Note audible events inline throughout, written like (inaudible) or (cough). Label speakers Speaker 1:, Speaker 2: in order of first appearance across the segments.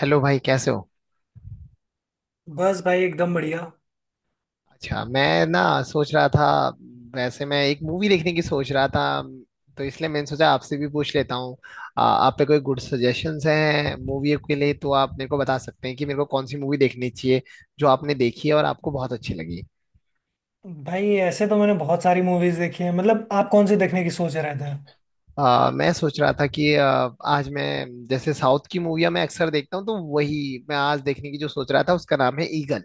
Speaker 1: Hello भाई, कैसे हो।
Speaker 2: बस भाई एकदम बढ़िया।
Speaker 1: अच्छा, मैं ना सोच रहा था। वैसे, मैं एक मूवी देखने की सोच रहा था। तो इसलिए मैंने सोचा आपसे भी पूछ लेता हूँ। आप पे कोई गुड सजेशंस हैं मूवी के लिए, तो आप मेरे को बता सकते हैं कि मेरे को कौन सी मूवी देखनी चाहिए, जो आपने देखी है और आपको बहुत अच्छी लगी।
Speaker 2: भाई ऐसे तो मैंने बहुत सारी मूवीज देखी है। मतलब आप कौन सी देखने की सोच रहे थे।
Speaker 1: मैं सोच रहा था कि आज मैं जैसे साउथ की मूवियाँ मैं अक्सर देखता हूँ, तो वही मैं आज देखने की जो सोच रहा था उसका नाम है ईगल।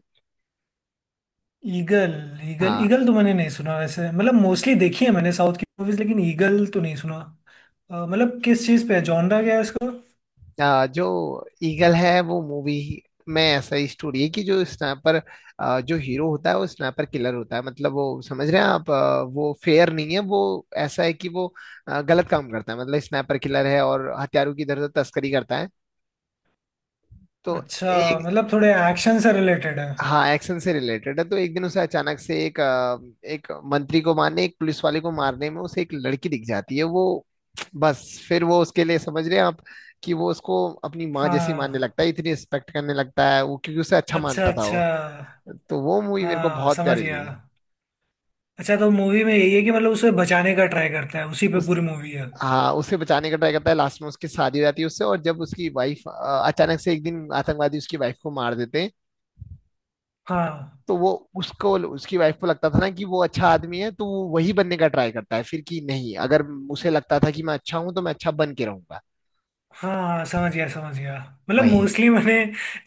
Speaker 2: ईगल। ईगल
Speaker 1: हाँ।
Speaker 2: ईगल तो मैंने नहीं सुना वैसे। मतलब मोस्टली देखी है मैंने साउथ की मूवीज, लेकिन ईगल तो नहीं सुना। मतलब किस चीज़ पे है, जॉनरा क्या है इसको।
Speaker 1: जो ईगल है वो मूवी में ऐसा ही स्टोरी है कि जो हीरो होता है वो स्नाइपर किलर होता है, मतलब वो, समझ रहे हैं आप। वो फेयर नहीं है, वो ऐसा है कि वो गलत काम करता है, मतलब स्नाइपर किलर है और हथियारों की इधर उधर तस्करी करता है। तो
Speaker 2: अच्छा,
Speaker 1: एक
Speaker 2: मतलब थोड़े एक्शन से रिलेटेड है।
Speaker 1: हाँ, एक्शन से रिलेटेड है। तो एक दिन उसे अचानक से एक मंत्री को मारने, एक पुलिस वाले को मारने में उसे एक लड़की दिख जाती है। वो बस फिर वो उसके लिए, समझ रहे हैं आप, कि वो उसको अपनी माँ जैसी मानने
Speaker 2: हाँ,
Speaker 1: लगता है, इतनी रिस्पेक्ट करने लगता है वो, क्योंकि उसे अच्छा
Speaker 2: अच्छा
Speaker 1: मानता था
Speaker 2: अच्छा।
Speaker 1: वो। तो वो मूवी मेरे को
Speaker 2: हाँ
Speaker 1: बहुत
Speaker 2: समझ
Speaker 1: प्यारी
Speaker 2: गया।
Speaker 1: लगी।
Speaker 2: अच्छा, तो मूवी में यही है कि मतलब उसे बचाने का ट्राई करता है, उसी पे
Speaker 1: उस
Speaker 2: पूरी मूवी है।
Speaker 1: हाँ, उसे बचाने का ट्राई करता है, लास्ट में उसकी शादी हो जाती है उससे, और जब उसकी वाइफ अचानक से एक दिन आतंकवादी उसकी वाइफ को मार देते हैं।
Speaker 2: हाँ।
Speaker 1: तो वो, उसको उसकी वाइफ को लगता था ना कि वो अच्छा आदमी है, तो वो वही बनने का ट्राई करता है फिर, कि नहीं, अगर उसे लगता था कि मैं अच्छा हूं तो मैं अच्छा बन के रहूंगा।
Speaker 2: हाँ समझ गया समझ गया। मतलब
Speaker 1: वही है।
Speaker 2: मोस्टली मैंने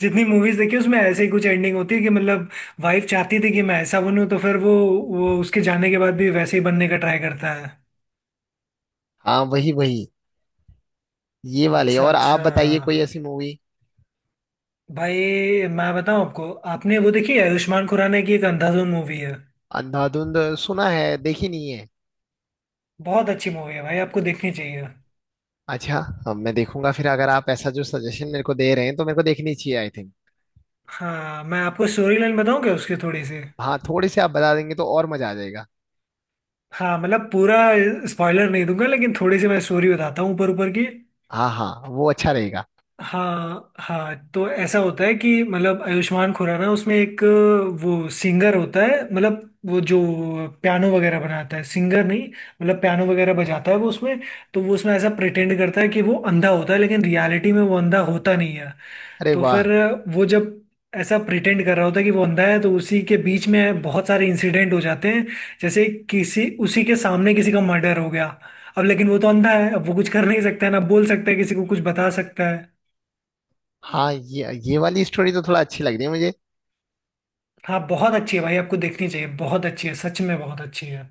Speaker 2: जितनी मूवीज देखी उसमें ऐसे ही कुछ एंडिंग होती है कि मतलब वाइफ चाहती थी कि मैं ऐसा बनूं, तो फिर वो उसके जाने के बाद भी वैसे ही बनने का ट्राई करता है।
Speaker 1: हाँ, वही वही। ये वाले,
Speaker 2: अच्छा
Speaker 1: और आप
Speaker 2: अच्छा।
Speaker 1: बताइए कोई ऐसी मूवी।
Speaker 2: भाई, मैं बताऊं आपको, आपने वो देखी है आयुष्मान खुराना की, एक अंधाधुन मूवी है।
Speaker 1: अंधाधुंध सुना है, देखी नहीं है।
Speaker 2: बहुत अच्छी मूवी है भाई, आपको देखनी चाहिए।
Speaker 1: अच्छा। हाँ, मैं देखूंगा फिर, अगर आप ऐसा जो सजेशन मेरे को दे रहे हैं तो मेरे को देखनी चाहिए, आई थिंक।
Speaker 2: हाँ, मैं आपको स्टोरी लाइन बताऊं क्या उसकी थोड़ी सी।
Speaker 1: हाँ, थोड़े से आप बता देंगे तो और मजा आ जाएगा।
Speaker 2: हाँ मतलब पूरा स्पॉइलर नहीं दूंगा, लेकिन थोड़ी सी मैं स्टोरी बताता हूँ ऊपर ऊपर की।
Speaker 1: हाँ हाँ, वो अच्छा रहेगा।
Speaker 2: हाँ हाँ, तो ऐसा होता है कि मतलब आयुष्मान खुराना उसमें एक, वो सिंगर होता है। मतलब वो जो पियानो वगैरह बनाता है, सिंगर नहीं, मतलब पियानो वगैरह बजाता है वो उसमें। तो वो उसमें ऐसा प्रिटेंड करता है कि वो अंधा होता है, लेकिन रियलिटी में वो अंधा होता नहीं है।
Speaker 1: अरे
Speaker 2: तो
Speaker 1: वाह।
Speaker 2: फिर वो जब ऐसा प्रिटेंड कर रहा होता है कि वो अंधा है, तो उसी के बीच में बहुत सारे इंसिडेंट हो जाते हैं। जैसे किसी, उसी के सामने किसी का मर्डर हो गया। अब लेकिन वो तो अंधा है, अब वो कुछ कर नहीं सकता है, ना बोल सकता है किसी को, कुछ बता सकता है।
Speaker 1: हाँ, ये वाली स्टोरी तो थोड़ा अच्छी लग रही है मुझे।
Speaker 2: हाँ बहुत अच्छी है भाई, आपको देखनी चाहिए, बहुत अच्छी है, सच में बहुत अच्छी है।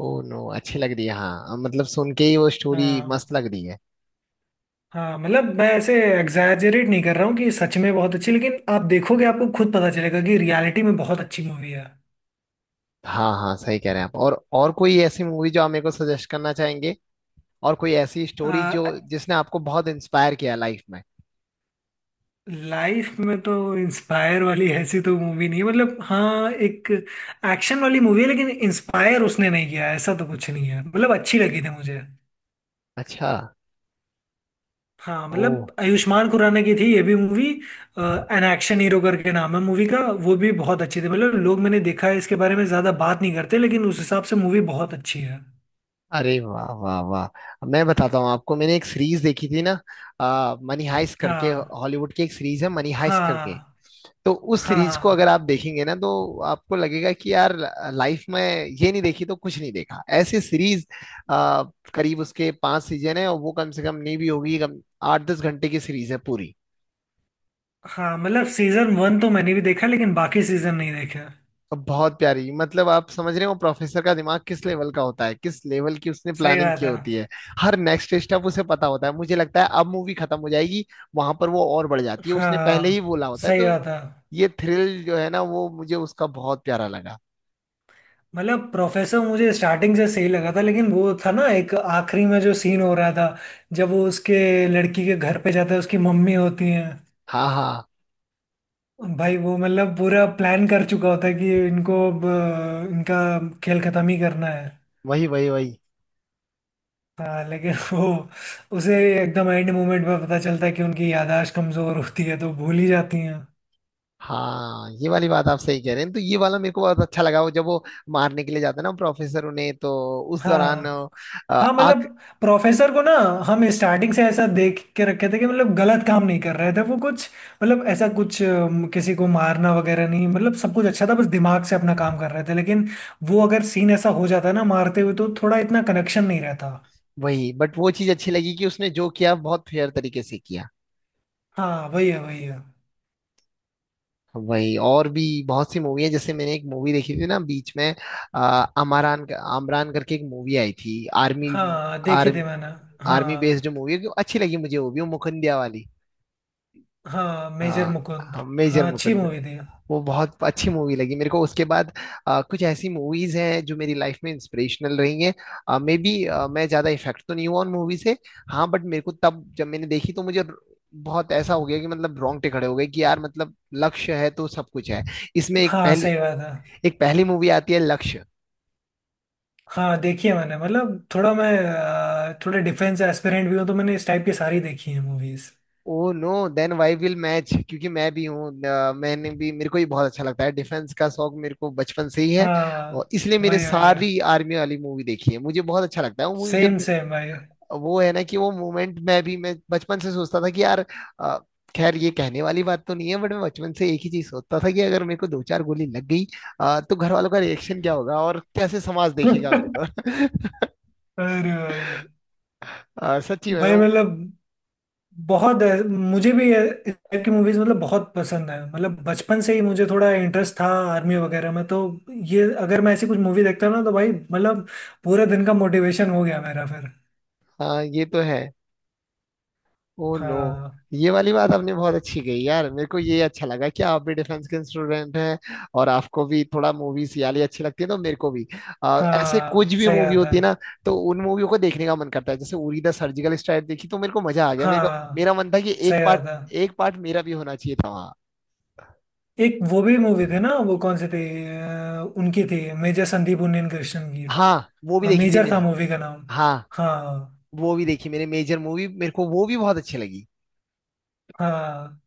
Speaker 1: ओ नो, अच्छी लग रही है। हाँ, मतलब सुन के ही वो स्टोरी मस्त
Speaker 2: हाँ।
Speaker 1: लग रही है।
Speaker 2: हाँ मतलब मैं ऐसे एग्जैजरेट नहीं कर रहा हूँ कि सच में बहुत अच्छी, लेकिन आप देखोगे, आपको खुद पता चलेगा कि रियलिटी में बहुत अच्छी मूवी है।
Speaker 1: हाँ हाँ, सही कह रहे हैं आप। और कोई ऐसी मूवी जो आप मेरे को सजेस्ट करना चाहेंगे, और कोई ऐसी स्टोरी जो जिसने आपको बहुत इंस्पायर किया लाइफ में।
Speaker 2: लाइफ में तो इंस्पायर वाली ऐसी तो मूवी नहीं है। मतलब हाँ, एक एक्शन वाली मूवी है, लेकिन इंस्पायर उसने नहीं किया है, ऐसा तो कुछ नहीं है, मतलब अच्छी लगी थी मुझे।
Speaker 1: अच्छा।
Speaker 2: हाँ
Speaker 1: ओ।
Speaker 2: मतलब आयुष्मान खुराना की थी ये भी मूवी, एन एक्शन हीरो करके नाम है मूवी का। वो भी बहुत अच्छी थी। मतलब लोग, मैंने देखा है, इसके बारे में ज्यादा बात नहीं करते, लेकिन उस हिसाब से मूवी बहुत अच्छी है।
Speaker 1: अरे वाह वाह वाह, मैं बताता हूँ आपको। मैंने एक सीरीज देखी थी ना, मनी हाइस्ट करके,
Speaker 2: हाँ।
Speaker 1: हॉलीवुड की एक सीरीज है, मनी हाइस्ट करके।
Speaker 2: हाँ।
Speaker 1: तो उस सीरीज को अगर
Speaker 2: हाँ।
Speaker 1: आप देखेंगे ना, तो आपको लगेगा कि यार, लाइफ में ये नहीं देखी तो कुछ नहीं देखा, ऐसी सीरीज। करीब उसके पांच सीजन है, और वो कम से कम नहीं भी होगी, कम 8-10 घंटे की सीरीज है पूरी।
Speaker 2: हाँ मतलब सीजन वन तो मैंने भी देखा, लेकिन बाकी सीजन नहीं देखे।
Speaker 1: और बहुत प्यारी, मतलब आप समझ रहे हो प्रोफेसर का दिमाग किस लेवल का होता है, किस लेवल की उसने
Speaker 2: सही
Speaker 1: प्लानिंग
Speaker 2: बात
Speaker 1: की
Speaker 2: है।
Speaker 1: होती है। हर नेक्स्ट स्टेप उसे पता होता है। मुझे लगता है अब मूवी खत्म हो जाएगी, वहां पर वो और बढ़ जाती है, उसने पहले ही
Speaker 2: हाँ
Speaker 1: बोला होता है,
Speaker 2: सही
Speaker 1: तो।
Speaker 2: बात है।
Speaker 1: ये थ्रिल जो है ना, वो मुझे उसका बहुत प्यारा लगा।
Speaker 2: मतलब प्रोफेसर मुझे स्टार्टिंग से सही लगा था, लेकिन वो था ना एक आखिरी में जो सीन हो रहा था, जब वो उसके लड़की के घर पे जाता है, उसकी मम्मी होती है।
Speaker 1: हाँ हाँ,
Speaker 2: भाई वो मतलब पूरा प्लान कर चुका होता है कि इनको अब इनका खेल खत्म ही करना है।
Speaker 1: वही वही वही।
Speaker 2: हाँ लेकिन (laughs) वो उसे एकदम एंड मोमेंट में पता चलता है कि उनकी यादाश्त कमजोर होती है तो भूल ही जाती हैं।
Speaker 1: हाँ, ये वाली बात आप सही कह रहे हैं। तो ये वाला मेरे को बहुत अच्छा लगा, वो जब वो मारने के लिए जाता है ना प्रोफेसर उन्हें, तो उस दौरान
Speaker 2: हाँ। हाँ मतलब
Speaker 1: आग।
Speaker 2: प्रोफेसर को ना, हम स्टार्टिंग से ऐसा देख के रखे थे कि मतलब गलत काम नहीं कर रहे थे वो कुछ, मतलब ऐसा कुछ किसी को मारना वगैरह नहीं। मतलब सब कुछ अच्छा था, बस दिमाग से अपना काम कर रहे थे, लेकिन वो अगर सीन ऐसा हो जाता है ना मारते हुए, तो थोड़ा इतना कनेक्शन नहीं रहता।
Speaker 1: वही, बट वो चीज अच्छी लगी कि उसने जो किया बहुत फेयर तरीके से किया।
Speaker 2: हाँ वही है वही है।
Speaker 1: वही। और भी बहुत सी मूवी है, जैसे मैंने एक मूवी देखी थी ना बीच में। अमरान आमरान करके एक मूवी आई थी, आर्मी।
Speaker 2: हाँ देखे थे
Speaker 1: आर्मी
Speaker 2: मैंने।
Speaker 1: आर्मी
Speaker 2: हाँ।
Speaker 1: बेस्ड मूवी अच्छी लगी मुझे, वो भी, वो मुकुंदिया वाली।
Speaker 2: हाँ मेजर मुकुंद।
Speaker 1: हाँ, मेजर
Speaker 2: हाँ अच्छी
Speaker 1: मुकुंद।
Speaker 2: मूवी थी।
Speaker 1: वो बहुत अच्छी मूवी लगी मेरे को, उसके बाद कुछ ऐसी मूवीज हैं जो मेरी लाइफ में इंस्पिरेशनल रही हैं, मे बी। मैं ज्यादा इफेक्ट तो नहीं हुआ उन मूवी से। हाँ, बट मेरे को तब जब मैंने देखी तो मुझे बहुत ऐसा हो गया कि, मतलब रोंगटे खड़े हो गए कि यार, मतलब लक्ष्य है तो सब कुछ है। इसमें एक
Speaker 2: हाँ
Speaker 1: पहली
Speaker 2: सही बात है।
Speaker 1: एक पहली मूवी आती है, लक्ष्य।
Speaker 2: हाँ देखी है मैंने, मतलब थोड़ा मैं थोड़ा डिफेंस एस्पिरेंट भी हूँ तो मैंने इस टाइप की सारी देखी है movies.
Speaker 1: Oh no. Then why will match, क्योंकि मैं भी हूँ। अ, मैंने भी मेरे को भी बहुत अच्छा लगता है, डिफेंस का शौक मेरे को बचपन से ही है। और
Speaker 2: हाँ
Speaker 1: इसलिए मैंने
Speaker 2: वही वही है,
Speaker 1: सारी आर्मी वाली मूवी देखी है, मुझे बहुत अच्छा लगता है वो मूवी जब।
Speaker 2: सेम सेम भाई (laughs)
Speaker 1: वो है ना कि वो मोमेंट में भी मैं बचपन से सोचता था कि यार, अ, खैर ये कहने वाली बात तो नहीं है, बट मैं बचपन से एक ही चीज सोचता था कि अगर मेरे को दो चार गोली लग गई, तो घर वालों का रिएक्शन क्या होगा और कैसे समाज देखेगा
Speaker 2: अरे
Speaker 1: मेरे को।
Speaker 2: भाई।
Speaker 1: (laughs) सच्ची में
Speaker 2: भाई मतलब बहुत है, इस टाइप की मूवीज मतलब बहुत पसंद है। मतलब बचपन से ही मुझे थोड़ा इंटरेस्ट था आर्मी वगैरह में, तो ये अगर मैं ऐसी कुछ मूवी देखता हूं ना, तो भाई मतलब पूरे दिन का मोटिवेशन हो गया मेरा फिर।
Speaker 1: हाँ, ये तो है। Oh no.
Speaker 2: हाँ
Speaker 1: ये वाली बात आपने बहुत अच्छी कही यार, मेरे को ये अच्छा लगा कि आप भी डिफेंस के स्टूडेंट हैं, और आपको भी थोड़ा मूवीज याली अच्छी लगती है, तो मेरे को भी ऐसे
Speaker 2: हाँ
Speaker 1: कुछ भी
Speaker 2: सही
Speaker 1: मूवी
Speaker 2: बात है।
Speaker 1: होती है ना, तो उन मूवियों को देखने का मन करता है। जैसे उरी द सर्जिकल स्ट्राइक देखी तो मेरे को मजा आ गया, मेरे का
Speaker 2: हाँ
Speaker 1: मेरा मन था कि
Speaker 2: सही
Speaker 1: एक पार्ट
Speaker 2: बात है।
Speaker 1: एक पार्ट मेरा भी होना चाहिए था वहाँ।
Speaker 2: एक वो भी मूवी थी ना, वो कौन सी थी, उनकी थी मेजर संदीप उन्नीन कृष्णन की।
Speaker 1: हाँ, वो भी देखी थी
Speaker 2: मेजर था
Speaker 1: मैंने।
Speaker 2: मूवी का नाम।
Speaker 1: हाँ,
Speaker 2: हाँ।
Speaker 1: वो भी देखी मैंने मेजर मूवी, मेरे को वो भी बहुत अच्छी लगी।
Speaker 2: हाँ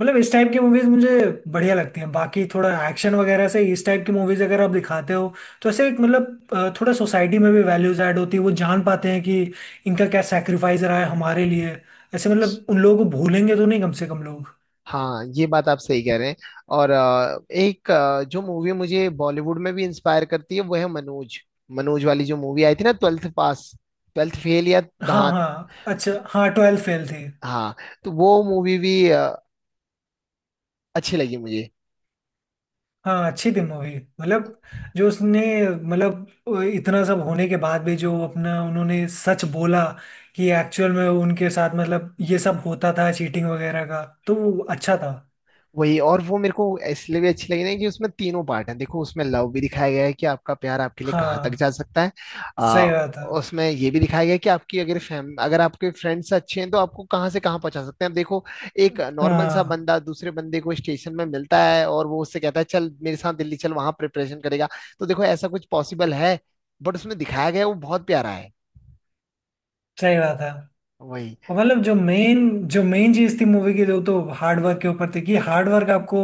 Speaker 2: मतलब इस टाइप की मूवीज मुझे बढ़िया लगती हैं, बाकी थोड़ा एक्शन वगैरह से इस टाइप की मूवीज अगर आप दिखाते हो, तो ऐसे एक मतलब थोड़ा सोसाइटी में भी वैल्यूज ऐड होती है, वो जान पाते हैं कि इनका क्या सेक्रीफाइस रहा है हमारे लिए। ऐसे मतलब उन लोगों को भूलेंगे तो नहीं कम से कम लोग।
Speaker 1: हाँ, ये बात आप सही कह रहे हैं। और जो मूवी मुझे बॉलीवुड में भी इंस्पायर करती है वो है मनोज, मनोज वाली जो मूवी आई थी ना, ट्वेल्थ पास, ट्वेल्थ फेल या।
Speaker 2: हाँ
Speaker 1: हाँ
Speaker 2: हाँ अच्छा, हाँ ट्वेल्थ फेल थी।
Speaker 1: हाँ। तो वो मूवी भी अच्छी लगी मुझे।
Speaker 2: हाँ अच्छी थी मूवी। मतलब जो उसने, मतलब इतना सब होने के बाद भी जो अपना उन्होंने सच बोला, कि एक्चुअल में उनके साथ मतलब ये सब होता था चीटिंग वगैरह का, तो वो अच्छा था।
Speaker 1: वही, और वो मेरे को इसलिए भी अच्छी लगी ना कि उसमें तीनों पार्ट हैं। देखो, उसमें लव भी दिखाया गया है कि आपका प्यार आपके लिए कहाँ तक
Speaker 2: हाँ
Speaker 1: जा सकता है। आ,
Speaker 2: सही बात है।
Speaker 1: उसमें ये भी दिखाया गया है कि आपकी अगर फैम अगर आपके फ्रेंड्स अच्छे हैं तो आपको कहाँ से कहाँ पहुंचा सकते हैं। अब देखो, एक नॉर्मल सा
Speaker 2: हाँ
Speaker 1: बंदा दूसरे बंदे को स्टेशन में मिलता है, और वो उससे कहता है, चल मेरे साथ दिल्ली चल, वहां प्रिपरेशन करेगा। तो देखो, ऐसा कुछ पॉसिबल है, बट उसमें दिखाया गया है, वो बहुत प्यारा है।
Speaker 2: सही बात है।
Speaker 1: वही।
Speaker 2: और मतलब जो मेन, जो मेन चीज थी मूवी की जो तो हार्डवर्क के ऊपर थी, कि हार्डवर्क आपको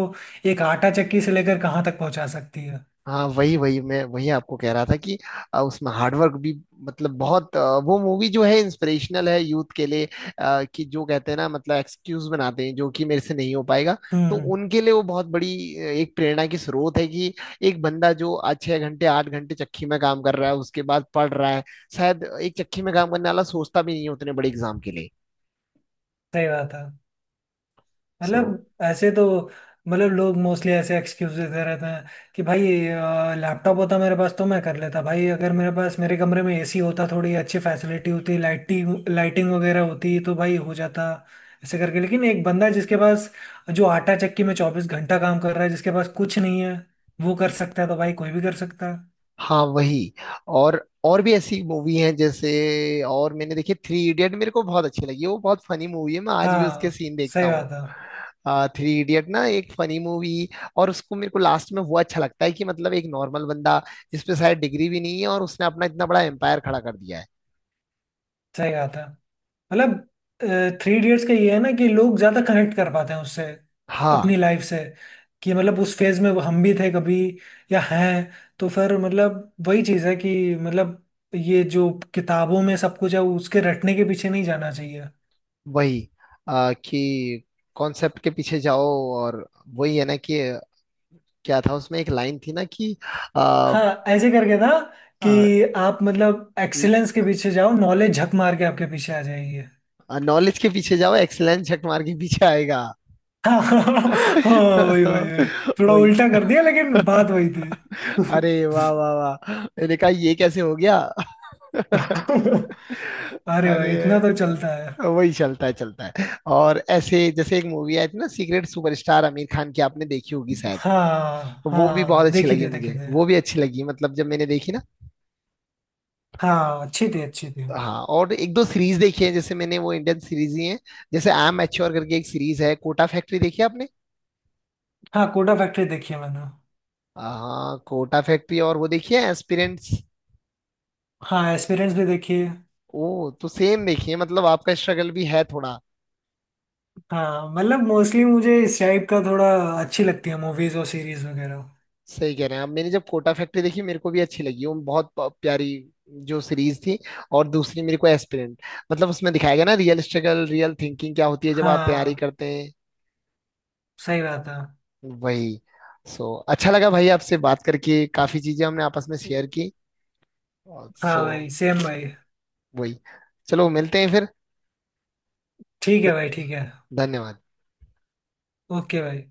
Speaker 2: एक आटा चक्की से लेकर कहाँ तक पहुंचा सकती है।
Speaker 1: हाँ, वही वही, मैं वही आपको कह रहा था कि उसमें हार्डवर्क भी, मतलब बहुत, वो मूवी जो है इंस्पिरेशनल है यूथ के लिए। कि जो कहते हैं ना, मतलब एक्सक्यूज बनाते हैं जो कि मेरे से नहीं हो पाएगा, तो
Speaker 2: हम्म।
Speaker 1: उनके लिए वो बहुत बड़ी एक प्रेरणा की स्रोत है कि एक बंदा जो आज 6 घंटे 8 घंटे चक्की में काम कर रहा है, उसके बाद पढ़ रहा है। शायद एक चक्की में काम करने वाला सोचता भी नहीं है उतने बड़े एग्जाम के लिए।
Speaker 2: सही बात है।
Speaker 1: सो,
Speaker 2: मतलब ऐसे तो, मतलब लोग मोस्टली ऐसे एक्सक्यूज देते रहते हैं कि भाई लैपटॉप होता मेरे पास तो मैं कर लेता, भाई अगर मेरे पास मेरे कमरे में एसी होता, थोड़ी अच्छी फैसिलिटी होती, लाइटिंग लाइटिंग वगैरह होती तो भाई हो जाता, ऐसे करके। लेकिन एक बंदा जिसके पास, जो आटा चक्की में 24 घंटा काम कर रहा है, जिसके पास कुछ नहीं है, वो कर सकता है, तो भाई कोई भी कर सकता है।
Speaker 1: हाँ, वही। और भी ऐसी मूवी हैं, जैसे और मैंने देखी थ्री इडियट, मेरे को बहुत अच्छी लगी। वो बहुत फनी मूवी है, मैं आज भी उसके
Speaker 2: हाँ
Speaker 1: सीन देखता
Speaker 2: सही
Speaker 1: हूँ।
Speaker 2: बात है।
Speaker 1: थ्री इडियट ना, एक फनी मूवी। और उसको मेरे को लास्ट में वो अच्छा लगता है कि, मतलब एक नॉर्मल बंदा जिसपे शायद डिग्री भी नहीं है और उसने अपना इतना बड़ा एम्पायर खड़ा कर दिया है।
Speaker 2: सही बात है। मतलब थ्री इडियट्स का ये है ना कि लोग ज्यादा कनेक्ट कर पाते हैं उससे,
Speaker 1: हाँ,
Speaker 2: अपनी लाइफ से, कि मतलब उस फेज में हम भी थे कभी, या हैं, तो फिर मतलब वही चीज है कि मतलब ये जो किताबों में सब कुछ है उसके रटने के पीछे नहीं जाना चाहिए।
Speaker 1: वही। कि कॉन्सेप्ट के पीछे जाओ, और वही है ना कि, क्या था उसमें एक लाइन थी ना कि
Speaker 2: हाँ ऐसे करके था कि
Speaker 1: आ,
Speaker 2: आप मतलब एक्सीलेंस के पीछे जाओ, नॉलेज झक मार के आपके पीछे आ जाएगी।
Speaker 1: नॉलेज के पीछे जाओ, एक्सलेंस झक मार के पीछे आएगा।
Speaker 2: हाँ (laughs) हाँ। वही वही वही।
Speaker 1: (laughs)
Speaker 2: थोड़ा
Speaker 1: वही।
Speaker 2: उल्टा कर दिया लेकिन बात वही थी
Speaker 1: अरे
Speaker 2: (laughs)
Speaker 1: वाह वाह वाह, मैंने कहा ये कैसे हो गया।
Speaker 2: अरे भाई इतना तो
Speaker 1: अरे,
Speaker 2: चलता है।
Speaker 1: वही चलता है चलता है। और ऐसे जैसे एक मूवी आई थी ना, सीक्रेट सुपरस्टार आमिर खान की, आपने देखी होगी शायद।
Speaker 2: हाँ
Speaker 1: वो भी
Speaker 2: हाँ
Speaker 1: बहुत अच्छी
Speaker 2: देखी
Speaker 1: लगी
Speaker 2: थी देखी
Speaker 1: मुझे, वो
Speaker 2: थी।
Speaker 1: भी अच्छी लगी, मतलब जब मैंने देखी ना।
Speaker 2: हाँ अच्छी थी अच्छी थी।
Speaker 1: हाँ, और एक दो सीरीज देखी है जैसे, मैंने वो इंडियन सीरीज ही है, जैसे आई एम मैच्योर करके एक सीरीज है, कोटा फैक्ट्री देखी है आपने।
Speaker 2: हाँ कोटा फैक्ट्री देखी है मैंने।
Speaker 1: हाँ, कोटा फैक्ट्री, और वो देखी है एस्पिरेंट्स।
Speaker 2: हाँ एक्सपीरियंस भी देखी है।
Speaker 1: ओ, तो सेम देखिए, मतलब आपका स्ट्रगल भी है थोड़ा।
Speaker 2: हाँ मतलब मोस्टली मुझे इस टाइप का थोड़ा अच्छी लगती है मूवीज और सीरीज वगैरह।
Speaker 1: सही कह रहे हैं आप। मैंने जब कोटा फैक्ट्री देखी, मेरे को भी अच्छी लगी, वो बहुत प्यारी जो सीरीज थी। और दूसरी मेरे को एस्पिरेंट, मतलब उसमें दिखाया गया ना रियल स्ट्रगल रियल थिंकिंग क्या होती है जब आप तैयारी
Speaker 2: हाँ
Speaker 1: करते हैं।
Speaker 2: सही बात है।
Speaker 1: वही। सो अच्छा लगा भाई आपसे बात करके, काफी चीजें हमने आपस में शेयर की।
Speaker 2: हाँ
Speaker 1: सो,
Speaker 2: भाई सेम भाई।
Speaker 1: वही। चलो मिलते हैं फिर।
Speaker 2: ठीक है भाई ठीक है।
Speaker 1: धन्यवाद।
Speaker 2: ओके भाई।